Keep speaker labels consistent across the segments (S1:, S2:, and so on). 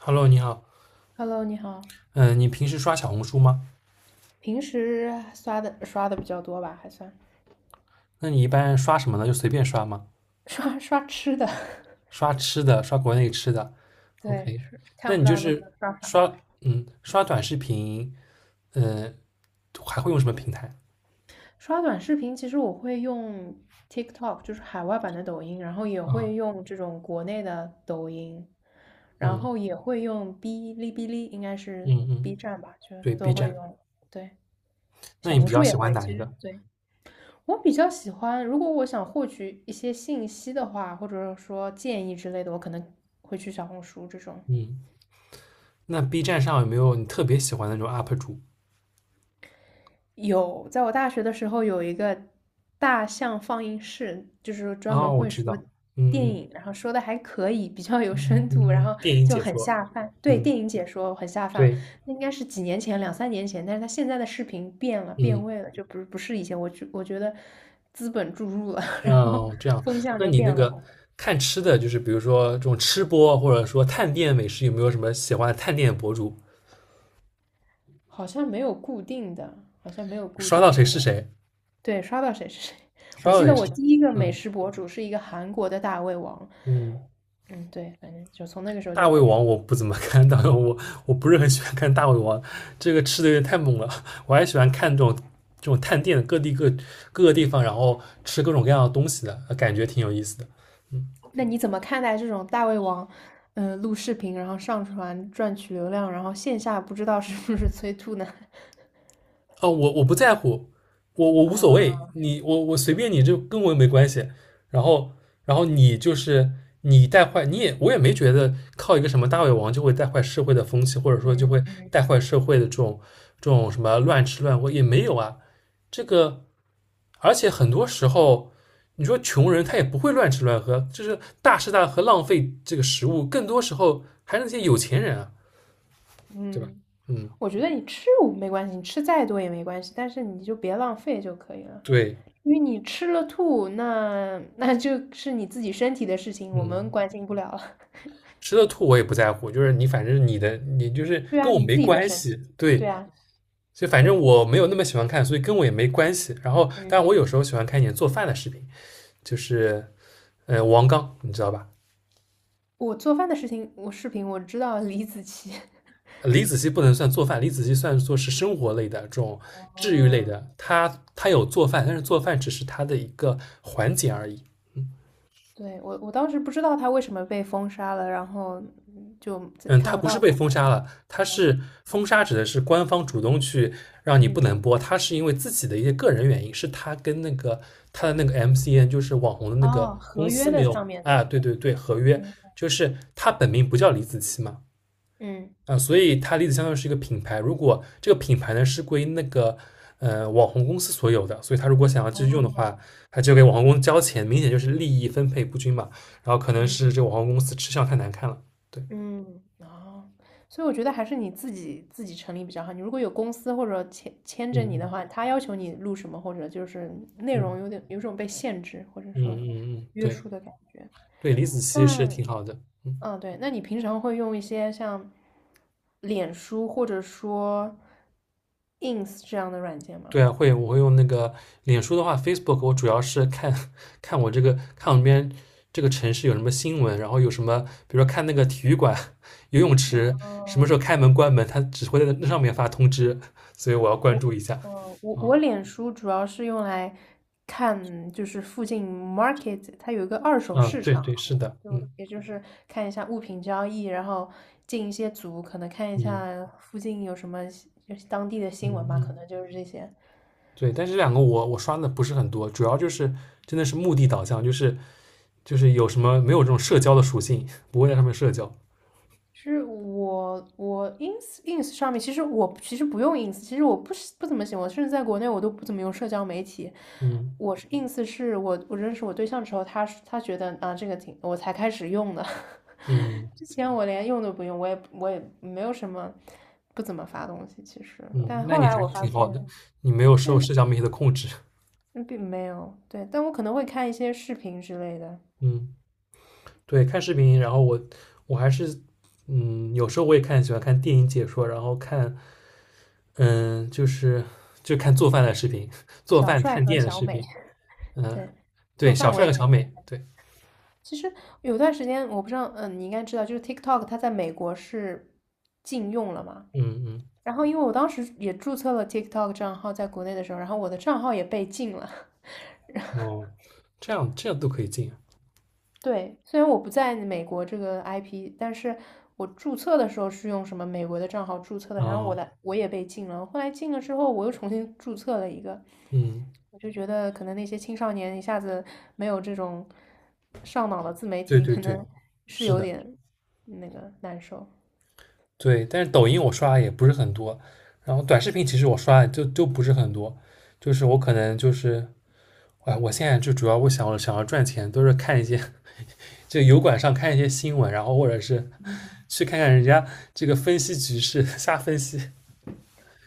S1: Hello，你好。
S2: Hello，你好，
S1: 嗯，你平时刷小红书吗？
S2: 平时刷的比较多吧，还算
S1: 那你一般刷什么呢？就随便刷吗？
S2: 刷刷吃的，
S1: 刷吃的，刷国内吃的
S2: 对，
S1: ，OK。
S2: 是
S1: 那
S2: 看不
S1: 你就
S2: 到那就
S1: 是
S2: 刷刷
S1: 刷短视频，嗯，还会用什么平台？
S2: 刷短视频。其实我会用 TikTok，就是海外版的抖音，然后也
S1: 嗯
S2: 会用这种国内的抖音，然
S1: 嗯
S2: 后也会用哔哩哔哩，应该是
S1: 嗯嗯，
S2: B 站吧，就
S1: 对
S2: 都
S1: ，B
S2: 会
S1: 站。
S2: 用。对，
S1: 那
S2: 小
S1: 你
S2: 红
S1: 比较
S2: 书也
S1: 喜欢
S2: 会。
S1: 哪
S2: 其
S1: 一
S2: 实
S1: 个？
S2: 对我比较喜欢，如果我想获取一些信息的话，或者说建议之类的，我可能会去小红书这种。
S1: 嗯，那 B 站上有没有你特别喜欢的那种 UP 主？
S2: 有，在我大学的时候有一个大象放映室，就是专门
S1: 哦，我
S2: 会
S1: 知
S2: 说
S1: 道，
S2: 电
S1: 嗯嗯
S2: 影，然后说的还可以，比较有
S1: 嗯
S2: 深度，
S1: 嗯，
S2: 然后
S1: 嗯，电影
S2: 就
S1: 解
S2: 很
S1: 说，
S2: 下饭。对，
S1: 嗯，
S2: 电影解说很下饭，
S1: 对，
S2: 那应该是几年前，两三年前，但是他现在的视频变了，变
S1: 嗯。
S2: 味了，就不是以前，我觉得资本注入了，然后
S1: 嗯，这样。
S2: 风向
S1: 那
S2: 就
S1: 你那
S2: 变了，
S1: 个看吃的，就是比如说这种吃播，或者说探店美食，有没有什么喜欢的探店博主？
S2: 好像没有固定的，好像没有固
S1: 刷到
S2: 定
S1: 谁
S2: 的，
S1: 是谁？
S2: 对，刷到谁是谁。
S1: 刷
S2: 我
S1: 到
S2: 记得
S1: 谁
S2: 我
S1: 是？
S2: 第一个美
S1: 嗯
S2: 食博主是一个韩国的大胃王。
S1: 嗯，
S2: 嗯，对，反正就从那个时候就
S1: 大胃
S2: 开始。
S1: 王我不怎么 看，大胃王我不是很喜欢看大胃王，这个吃的有点太猛了。我还喜欢看这种探店的各个地方，然后吃各种各样的东西的，感觉挺有意思的。嗯。
S2: 那你怎么看待这种大胃王，录视频然后上传赚取流量，然后线下不知道是不是催吐呢？
S1: 哦，我不在乎，我无所
S2: 啊，
S1: 谓，你我随便你，就跟我又没关系。然后你就是你带坏，你也我也没觉得靠一个什么大胃王就会带坏社会的风气，或者说就会
S2: 嗯
S1: 带
S2: 嗯
S1: 坏社会的这种什么乱吃乱喝也没有啊。这个而且很多时候，你说穷人他也不会乱吃乱喝，就是大吃大喝浪费这个食物，更多时候还是那些有钱人啊，对吧？
S2: 嗯，
S1: 嗯，
S2: 我觉得你吃无没关系，你吃再多也没关系，但是你就别浪费就可以了。
S1: 对，
S2: 因为你吃了吐，那就是你自己身体的事情，我们
S1: 嗯。
S2: 关心不了了。
S1: 吃了吐我也不在乎，就是你反正你的你就是
S2: 对啊，
S1: 跟我
S2: 你
S1: 没
S2: 自己的
S1: 关
S2: 身
S1: 系，
S2: 体。
S1: 对，
S2: 对啊，
S1: 所以反正
S2: 对，
S1: 我没有那么喜欢看，所以跟我也没关系。然后，当然我有
S2: 嗯，
S1: 时候喜欢看一点做饭的视频，就是王刚，你知道吧？
S2: 我做饭的事情，我视频我知道李子柒。
S1: 李子柒不能算做饭，李子柒算作是生活类的这种 治愈类
S2: 哦，
S1: 的，他有做饭，但是做饭只是他的一个环节而已。
S2: 对，我当时不知道他为什么被封杀了，然后就
S1: 嗯，
S2: 看
S1: 他
S2: 不
S1: 不
S2: 到
S1: 是被
S2: 他。
S1: 封杀了，他是封杀指的是官方主动去让你不
S2: 嗯，
S1: 能播，他是因为自己的一些个人原因，是他跟那个他的那个 MCN 就是网红的那个
S2: 哦，
S1: 公
S2: 合
S1: 司
S2: 约
S1: 没
S2: 的
S1: 有。
S2: 上面
S1: 啊，
S2: 的，
S1: 对对对，合约
S2: 嗯
S1: 就是他本名不叫李子柒嘛。
S2: 嗯，
S1: 啊，所以他李子相当于是一个品牌，如果这个品牌呢是归那个网红公司所有的，所以他如果想要继续用的
S2: 哦，
S1: 话，他就给网红公司交钱，明显就是利益分配不均嘛。然后可能是
S2: 嗯
S1: 这个网红公司吃相太难看了，对，
S2: 嗯，哦，所以我觉得还是你自己成立比较好。你如果有公司或者签
S1: 嗯
S2: 着你的
S1: 嗯
S2: 话，他要求你录什么，或者就是内容有
S1: 嗯。
S2: 点有种被限制，或者
S1: 嗯
S2: 说
S1: 嗯嗯，
S2: 约
S1: 对
S2: 束的感觉。
S1: 对，李子
S2: 但
S1: 柒是挺好的。嗯，
S2: 嗯，对，那你平常会用一些像脸书或者说 Ins 这样的软件吗？
S1: 对啊，会我会用那个脸书的话，Facebook 我主要是看 看我这个看我们这边这个城市有什么新闻，然后有什么，比如说看那个体育馆、游泳池什么时
S2: 嗯，
S1: 候开门关门，他只会在那上面发通知，所以我要关
S2: 我，
S1: 注一下。
S2: 呃，我
S1: 啊，
S2: 我脸书主要是用来看，就是附近 market 它有一个二手
S1: 嗯，
S2: 市
S1: 对
S2: 场啊，
S1: 对是的，
S2: 就
S1: 嗯
S2: 也就是看一下物品交易，然后进一些组，可能看一
S1: 嗯
S2: 下附近有什么就是当地的
S1: 嗯
S2: 新闻吧，可
S1: 嗯，
S2: 能就是这些。
S1: 对。但是这两个我刷的不是很多，主要就是真的是目的导向，就是有什么没有这种社交的属性，不会在上面社交。
S2: 是我 ins 上面，其实我其实不用 ins，其实我不是不怎么喜欢，甚至在国内我都不怎么用社交媒体。
S1: 嗯
S2: 我是 ins 是我认识我对象之后，他觉得啊这个挺，我才开始用的。
S1: 嗯
S2: 之前我连用都不用，我也没有什么不怎么发东西，其实。
S1: 嗯，
S2: 但
S1: 那
S2: 后
S1: 你还
S2: 来
S1: 是
S2: 我发
S1: 挺
S2: 现，
S1: 好的，你没有受
S2: 对，
S1: 社交媒体的控制。
S2: 嗯并没有对，但我可能会看一些视频之类的，
S1: 嗯，对，看视频，然后我还是有时候我也喜欢看电影解说，然后看就是就看做饭的视频，做
S2: 小
S1: 饭
S2: 帅
S1: 探
S2: 和
S1: 店的
S2: 小
S1: 视
S2: 美，
S1: 频。嗯，
S2: 对，做
S1: 对，小
S2: 饭我
S1: 帅
S2: 也
S1: 和
S2: 挺
S1: 小美，对，
S2: 其实有段时间，我不知道，嗯，你应该知道，就是 TikTok 它在美国是禁用了嘛。
S1: 嗯嗯，
S2: 然后因为我当时也注册了 TikTok 账号在国内的时候，然后我的账号也被禁了。
S1: 哦，这样这样都可以进啊。
S2: 对，虽然我不在美国这个 IP，但是我注册的时候是用什么美国的账号注册的，然后我
S1: 哦，
S2: 的我也被禁了。后来禁了之后，我又重新注册了一个，
S1: 嗯，
S2: 我就觉得可能那些青少年一下子没有这种上脑的自媒
S1: 对
S2: 体，
S1: 对
S2: 可
S1: 对，
S2: 能是
S1: 是
S2: 有
S1: 的。
S2: 点那个难受。
S1: 对，但是抖音我刷的也不是很多，然后短视频其实我刷的就不是很多，就是我可能就是，哎，我现在就主要我想要赚钱，都是看一些就油管上看一些新闻，然后或者是去看看人家这个分析局势，瞎分析。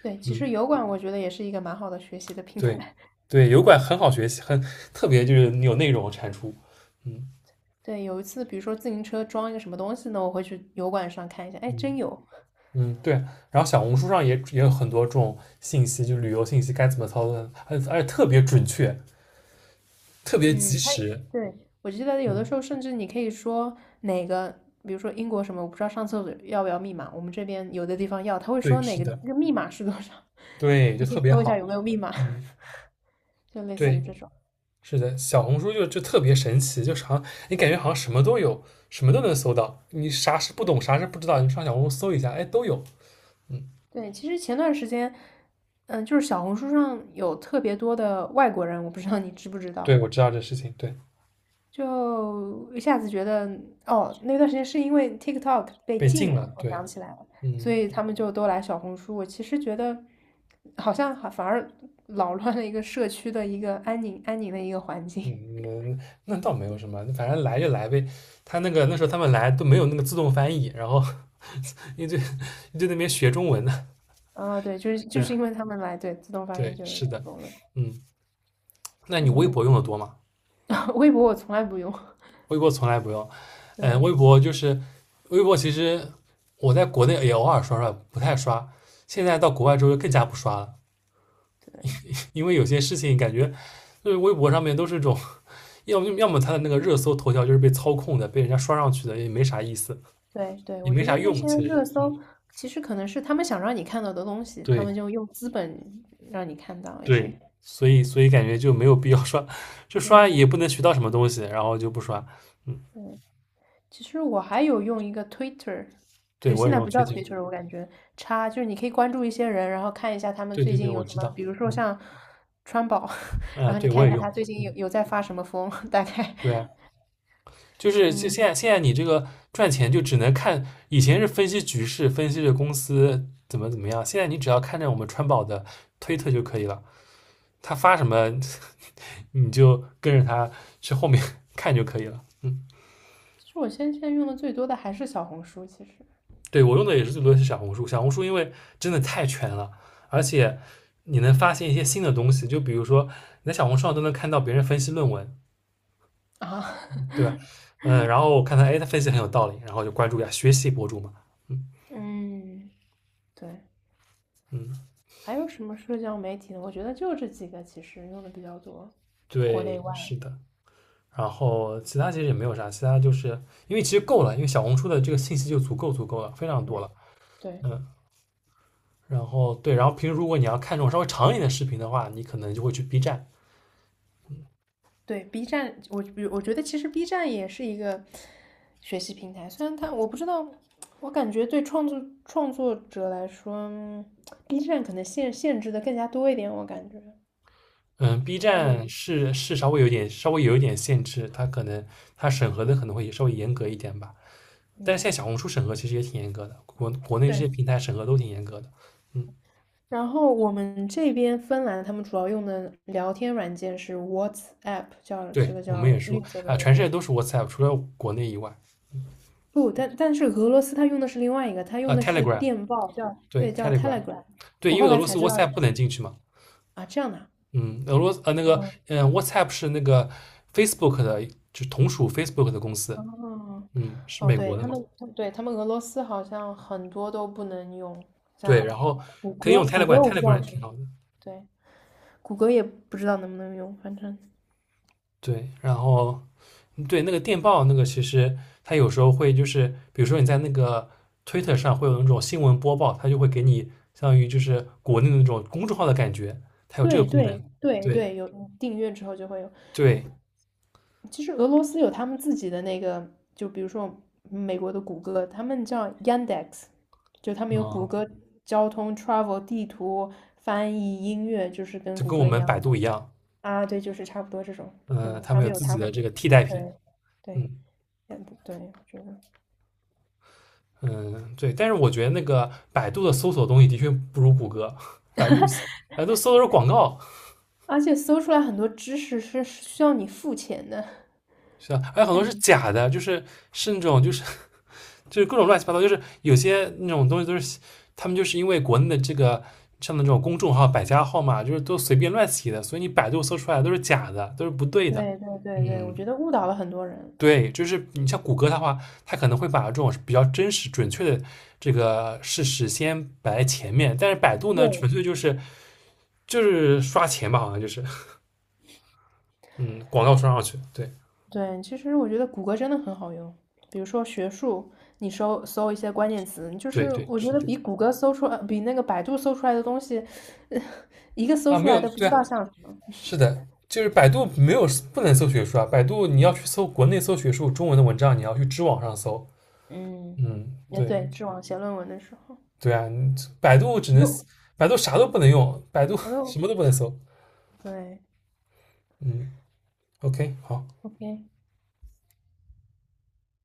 S2: 对，其实
S1: 嗯，
S2: 油管我觉得也是一个蛮好的学习的平
S1: 对
S2: 台。
S1: 对，油管很好学习，很特别就是有内容产出。嗯
S2: 对，有一次比如说自行车装一个什么东西呢，我会去油管上看一下，哎，
S1: 嗯
S2: 真有。
S1: 嗯，对。然后小红书上也有很多这种信息，就旅游信息该怎么操作，而且特别准确，特别及
S2: 嗯，它
S1: 时。
S2: 对，我记得有的
S1: 嗯，
S2: 时候甚至你可以说哪个，比如说英国什么，我不知道上厕所要不要密码，我们这边有的地方要，他会
S1: 对，
S2: 说哪
S1: 是
S2: 个这
S1: 的，
S2: 个密码是多少，
S1: 对，就
S2: 你可以
S1: 特别
S2: 搜一下
S1: 好。
S2: 有没有密码，
S1: 嗯，
S2: 就类似于
S1: 对，
S2: 这种。
S1: 是的，小红书就特别神奇，就是好像你感觉好像什么都有，什么都能搜到。你啥是不懂，啥是不知道，你上小红书搜一下，哎，都有。嗯，
S2: 对，其实前段时间，嗯，就是小红书上有特别多的外国人，我不知道你知不知道。
S1: 对，我知道这事情，对，
S2: 就一下子觉得，哦，那段时间是因为 TikTok 被
S1: 被禁
S2: 禁
S1: 了，
S2: 了，我
S1: 对，
S2: 想起来了，所
S1: 嗯
S2: 以他们就都来小红书。我其实觉得，好像还反而扰乱了一个社区的一个安宁的一个环境。
S1: 嗯，那倒没有什么，反正来就来呗。他那时候他们来都没有那个自动翻译，然后 你就一堆 那边学中文呢。
S2: 啊，对，就是
S1: 对
S2: 就是
S1: 啊，
S2: 因为他们来，对，自动翻译
S1: 对，
S2: 就是
S1: 是
S2: 成
S1: 的，
S2: 功的。
S1: 嗯。那你微
S2: 嗯，
S1: 博用的多吗？
S2: 微博我从来不用。
S1: 微博从来不用。嗯，
S2: 对
S1: 微博就是微博，其实我在国内也偶尔刷刷，不太刷。现在到国外之后更加不刷了，
S2: 对
S1: 因为有些事情感觉就是微博上面都是种，要么它的那个热搜头条就是被操控的，被人家刷上去的，也没啥意思，
S2: 对对，
S1: 也
S2: 我
S1: 没
S2: 觉得
S1: 啥
S2: 那
S1: 用。
S2: 些
S1: 其实，
S2: 热搜其实可能是他们想让你看到的东西，他
S1: 对
S2: 们就用资本让你看到一
S1: 对，
S2: 些。
S1: 所以感觉就没有必要刷，就刷
S2: 对。
S1: 也不能学到什么东西，然后就不刷。嗯，
S2: 对其实我还有用一个 Twitter，
S1: 对
S2: 就是
S1: 我
S2: 现
S1: 也
S2: 在
S1: 用
S2: 不叫
S1: 推荐，
S2: Twitter，我感觉差，就是你可以关注一些人，然后看一下他们
S1: 对
S2: 最
S1: 对对，
S2: 近有
S1: 我
S2: 什
S1: 知
S2: 么，
S1: 道。
S2: 比如说像川宝，
S1: 嗯，啊、
S2: 然后你
S1: 对
S2: 看
S1: 我
S2: 一
S1: 也
S2: 下
S1: 用，
S2: 他最近有在发什么疯，大概
S1: 对啊，就
S2: 嗯，
S1: 现在你这个赚钱就只能看，以前是分析局势，分析这公司怎么怎么样，现在你只要看着我们川宝的推特就可以了，他发什么 你就跟着他去后面 看就可以了。嗯，
S2: 其实我现在用的最多的还是小红书，其实
S1: 对我用的也是最多的是小红书，小红书因为真的太全了，而且你能发现一些新的东西，就比如说你在小红书上都能看到别人分析论文，
S2: 啊，
S1: 对吧？嗯，然后我看他，哎，他分析很有道理，然后就关注一下学习博主嘛。嗯
S2: 嗯，对，
S1: 嗯，
S2: 还有什么社交媒体呢？我觉得就这几个，其实用的比较多，国内
S1: 对，
S2: 外，
S1: 是的。然后其他其实也没有啥，其他就是因为其实够了，因为小红书的这个信息就足够足够了，非常多
S2: 对
S1: 了。
S2: 对。
S1: 嗯，然后对，然后平时如果你要看这种稍微长一点的视频的话，你可能就会去 B 站。
S2: 对，B 站，我觉得其实 B 站也是一个学习平台，虽然它我不知道，我感觉对创作者来说b 站可能限制的更加多一点，我感觉
S1: 嗯，B
S2: 相对
S1: 站
S2: 于，
S1: 是稍微有一点限制，它可能它审核的可能会稍微严格一点吧。但是
S2: 嗯，
S1: 现在小红书审核其实也挺严格的，国内这些
S2: 对。
S1: 平台审核都挺严格的。嗯，
S2: 然后我们这边芬兰他们主要用的聊天软件是 WhatsApp，叫这
S1: 对，
S2: 个
S1: 我们
S2: 叫
S1: 也
S2: 绿
S1: 说
S2: 色的
S1: 啊、
S2: 那
S1: 全世
S2: 个。
S1: 界都是 WhatsApp，除了国内以外。
S2: 不，但是俄罗斯它用的是另外一个，它用
S1: 啊、
S2: 的
S1: t e l e
S2: 是
S1: g r a m
S2: 电报，
S1: 对，
S2: 对，叫
S1: Telegram。
S2: Telegram。
S1: 对，
S2: 我
S1: 因为
S2: 后
S1: 俄
S2: 来
S1: 罗
S2: 才
S1: 斯
S2: 知道
S1: WhatsApp 不能进去嘛。
S2: 啊，这样的
S1: 嗯，俄罗斯
S2: 啊。
S1: WhatsApp 是那个 Facebook 的，就同属 Facebook 的公司。
S2: 哦，
S1: 嗯，是
S2: 哦，
S1: 美
S2: 对，
S1: 国的
S2: 他
S1: 嘛？
S2: 们，对，他们俄罗斯好像很多都不能用，
S1: 对，
S2: 像
S1: 然后
S2: 谷
S1: 可以
S2: 歌，
S1: 用
S2: 谷歌我不知
S1: Telegram，Telegram
S2: 道，
S1: 挺好的。
S2: 对，谷歌也不知道能不能用，反正
S1: 对，然后对那个电报那个，其实它有时候会就是，比如说你在那个 Twitter 上会有那种新闻播报，它就会给你相当于就是国内的那种公众号的感觉，它有这个
S2: 对
S1: 功
S2: 对
S1: 能。
S2: 对
S1: 对
S2: 对，有订阅之后就会有。
S1: 对，
S2: 其实俄罗斯有他们自己的那个，就比如说美国的谷歌，他们叫 Yandex，就他们有谷
S1: 嗯，
S2: 歌交通、travel 地图、翻译、音乐，就是跟
S1: 就
S2: 谷
S1: 跟我
S2: 歌一
S1: 们
S2: 样
S1: 百
S2: 的
S1: 度一样，
S2: 啊，对，就是差不多这种这
S1: 嗯、
S2: 种，
S1: 他
S2: 他
S1: 们
S2: 们
S1: 有
S2: 有
S1: 自
S2: 他
S1: 己的
S2: 们
S1: 这
S2: 的，
S1: 个替代品。
S2: 对。对，
S1: 嗯。
S2: 也不对，我觉得，
S1: 嗯，对，但是我觉得那个百度的搜索东西的确不如谷歌，百度百度搜的是广告，
S2: 而且搜出来很多知识是需要你付钱的，
S1: 是吧？还有很多是
S2: 但
S1: 假的，就是是那种就是 就是各种乱七八糟，就是有些那种东西都是他们就是因为国内的这个像那种公众号、百家号嘛，就是都随便乱起的，所以你百度搜出来的都是假的，都是不对的。
S2: 对对对对，我
S1: 嗯，
S2: 觉得误导了很多人。
S1: 对，就是你像谷歌的话，它可能会把这种比较真实、准确的这个事实先摆在前面，但是百度呢，
S2: 对
S1: 纯粹就是刷钱吧，好像就是，嗯，广告刷上去，对
S2: 对，其实我觉得谷歌真的很好用，比如说学术，你搜搜一些关键词，就
S1: 对
S2: 是
S1: 对，
S2: 我觉
S1: 是
S2: 得
S1: 的。
S2: 比谷歌搜出来，比那个百度搜出来的东西，呃一个搜
S1: 啊，
S2: 出
S1: 没
S2: 来
S1: 有，
S2: 的不
S1: 对
S2: 知
S1: 啊，
S2: 道像什么。
S1: 是的，就是百度没有不能搜学术啊，百度你要去搜国内搜学术中文的文章，你要去知网上搜，
S2: 嗯，
S1: 嗯，
S2: 也
S1: 对
S2: 对，知网写论文的时候，
S1: 对啊，你百度只
S2: 我
S1: 能
S2: 都
S1: 百度啥都不能用，百度
S2: 我
S1: 什
S2: 都
S1: 么都不能搜。
S2: 对
S1: 嗯，OK，好，
S2: ，OK。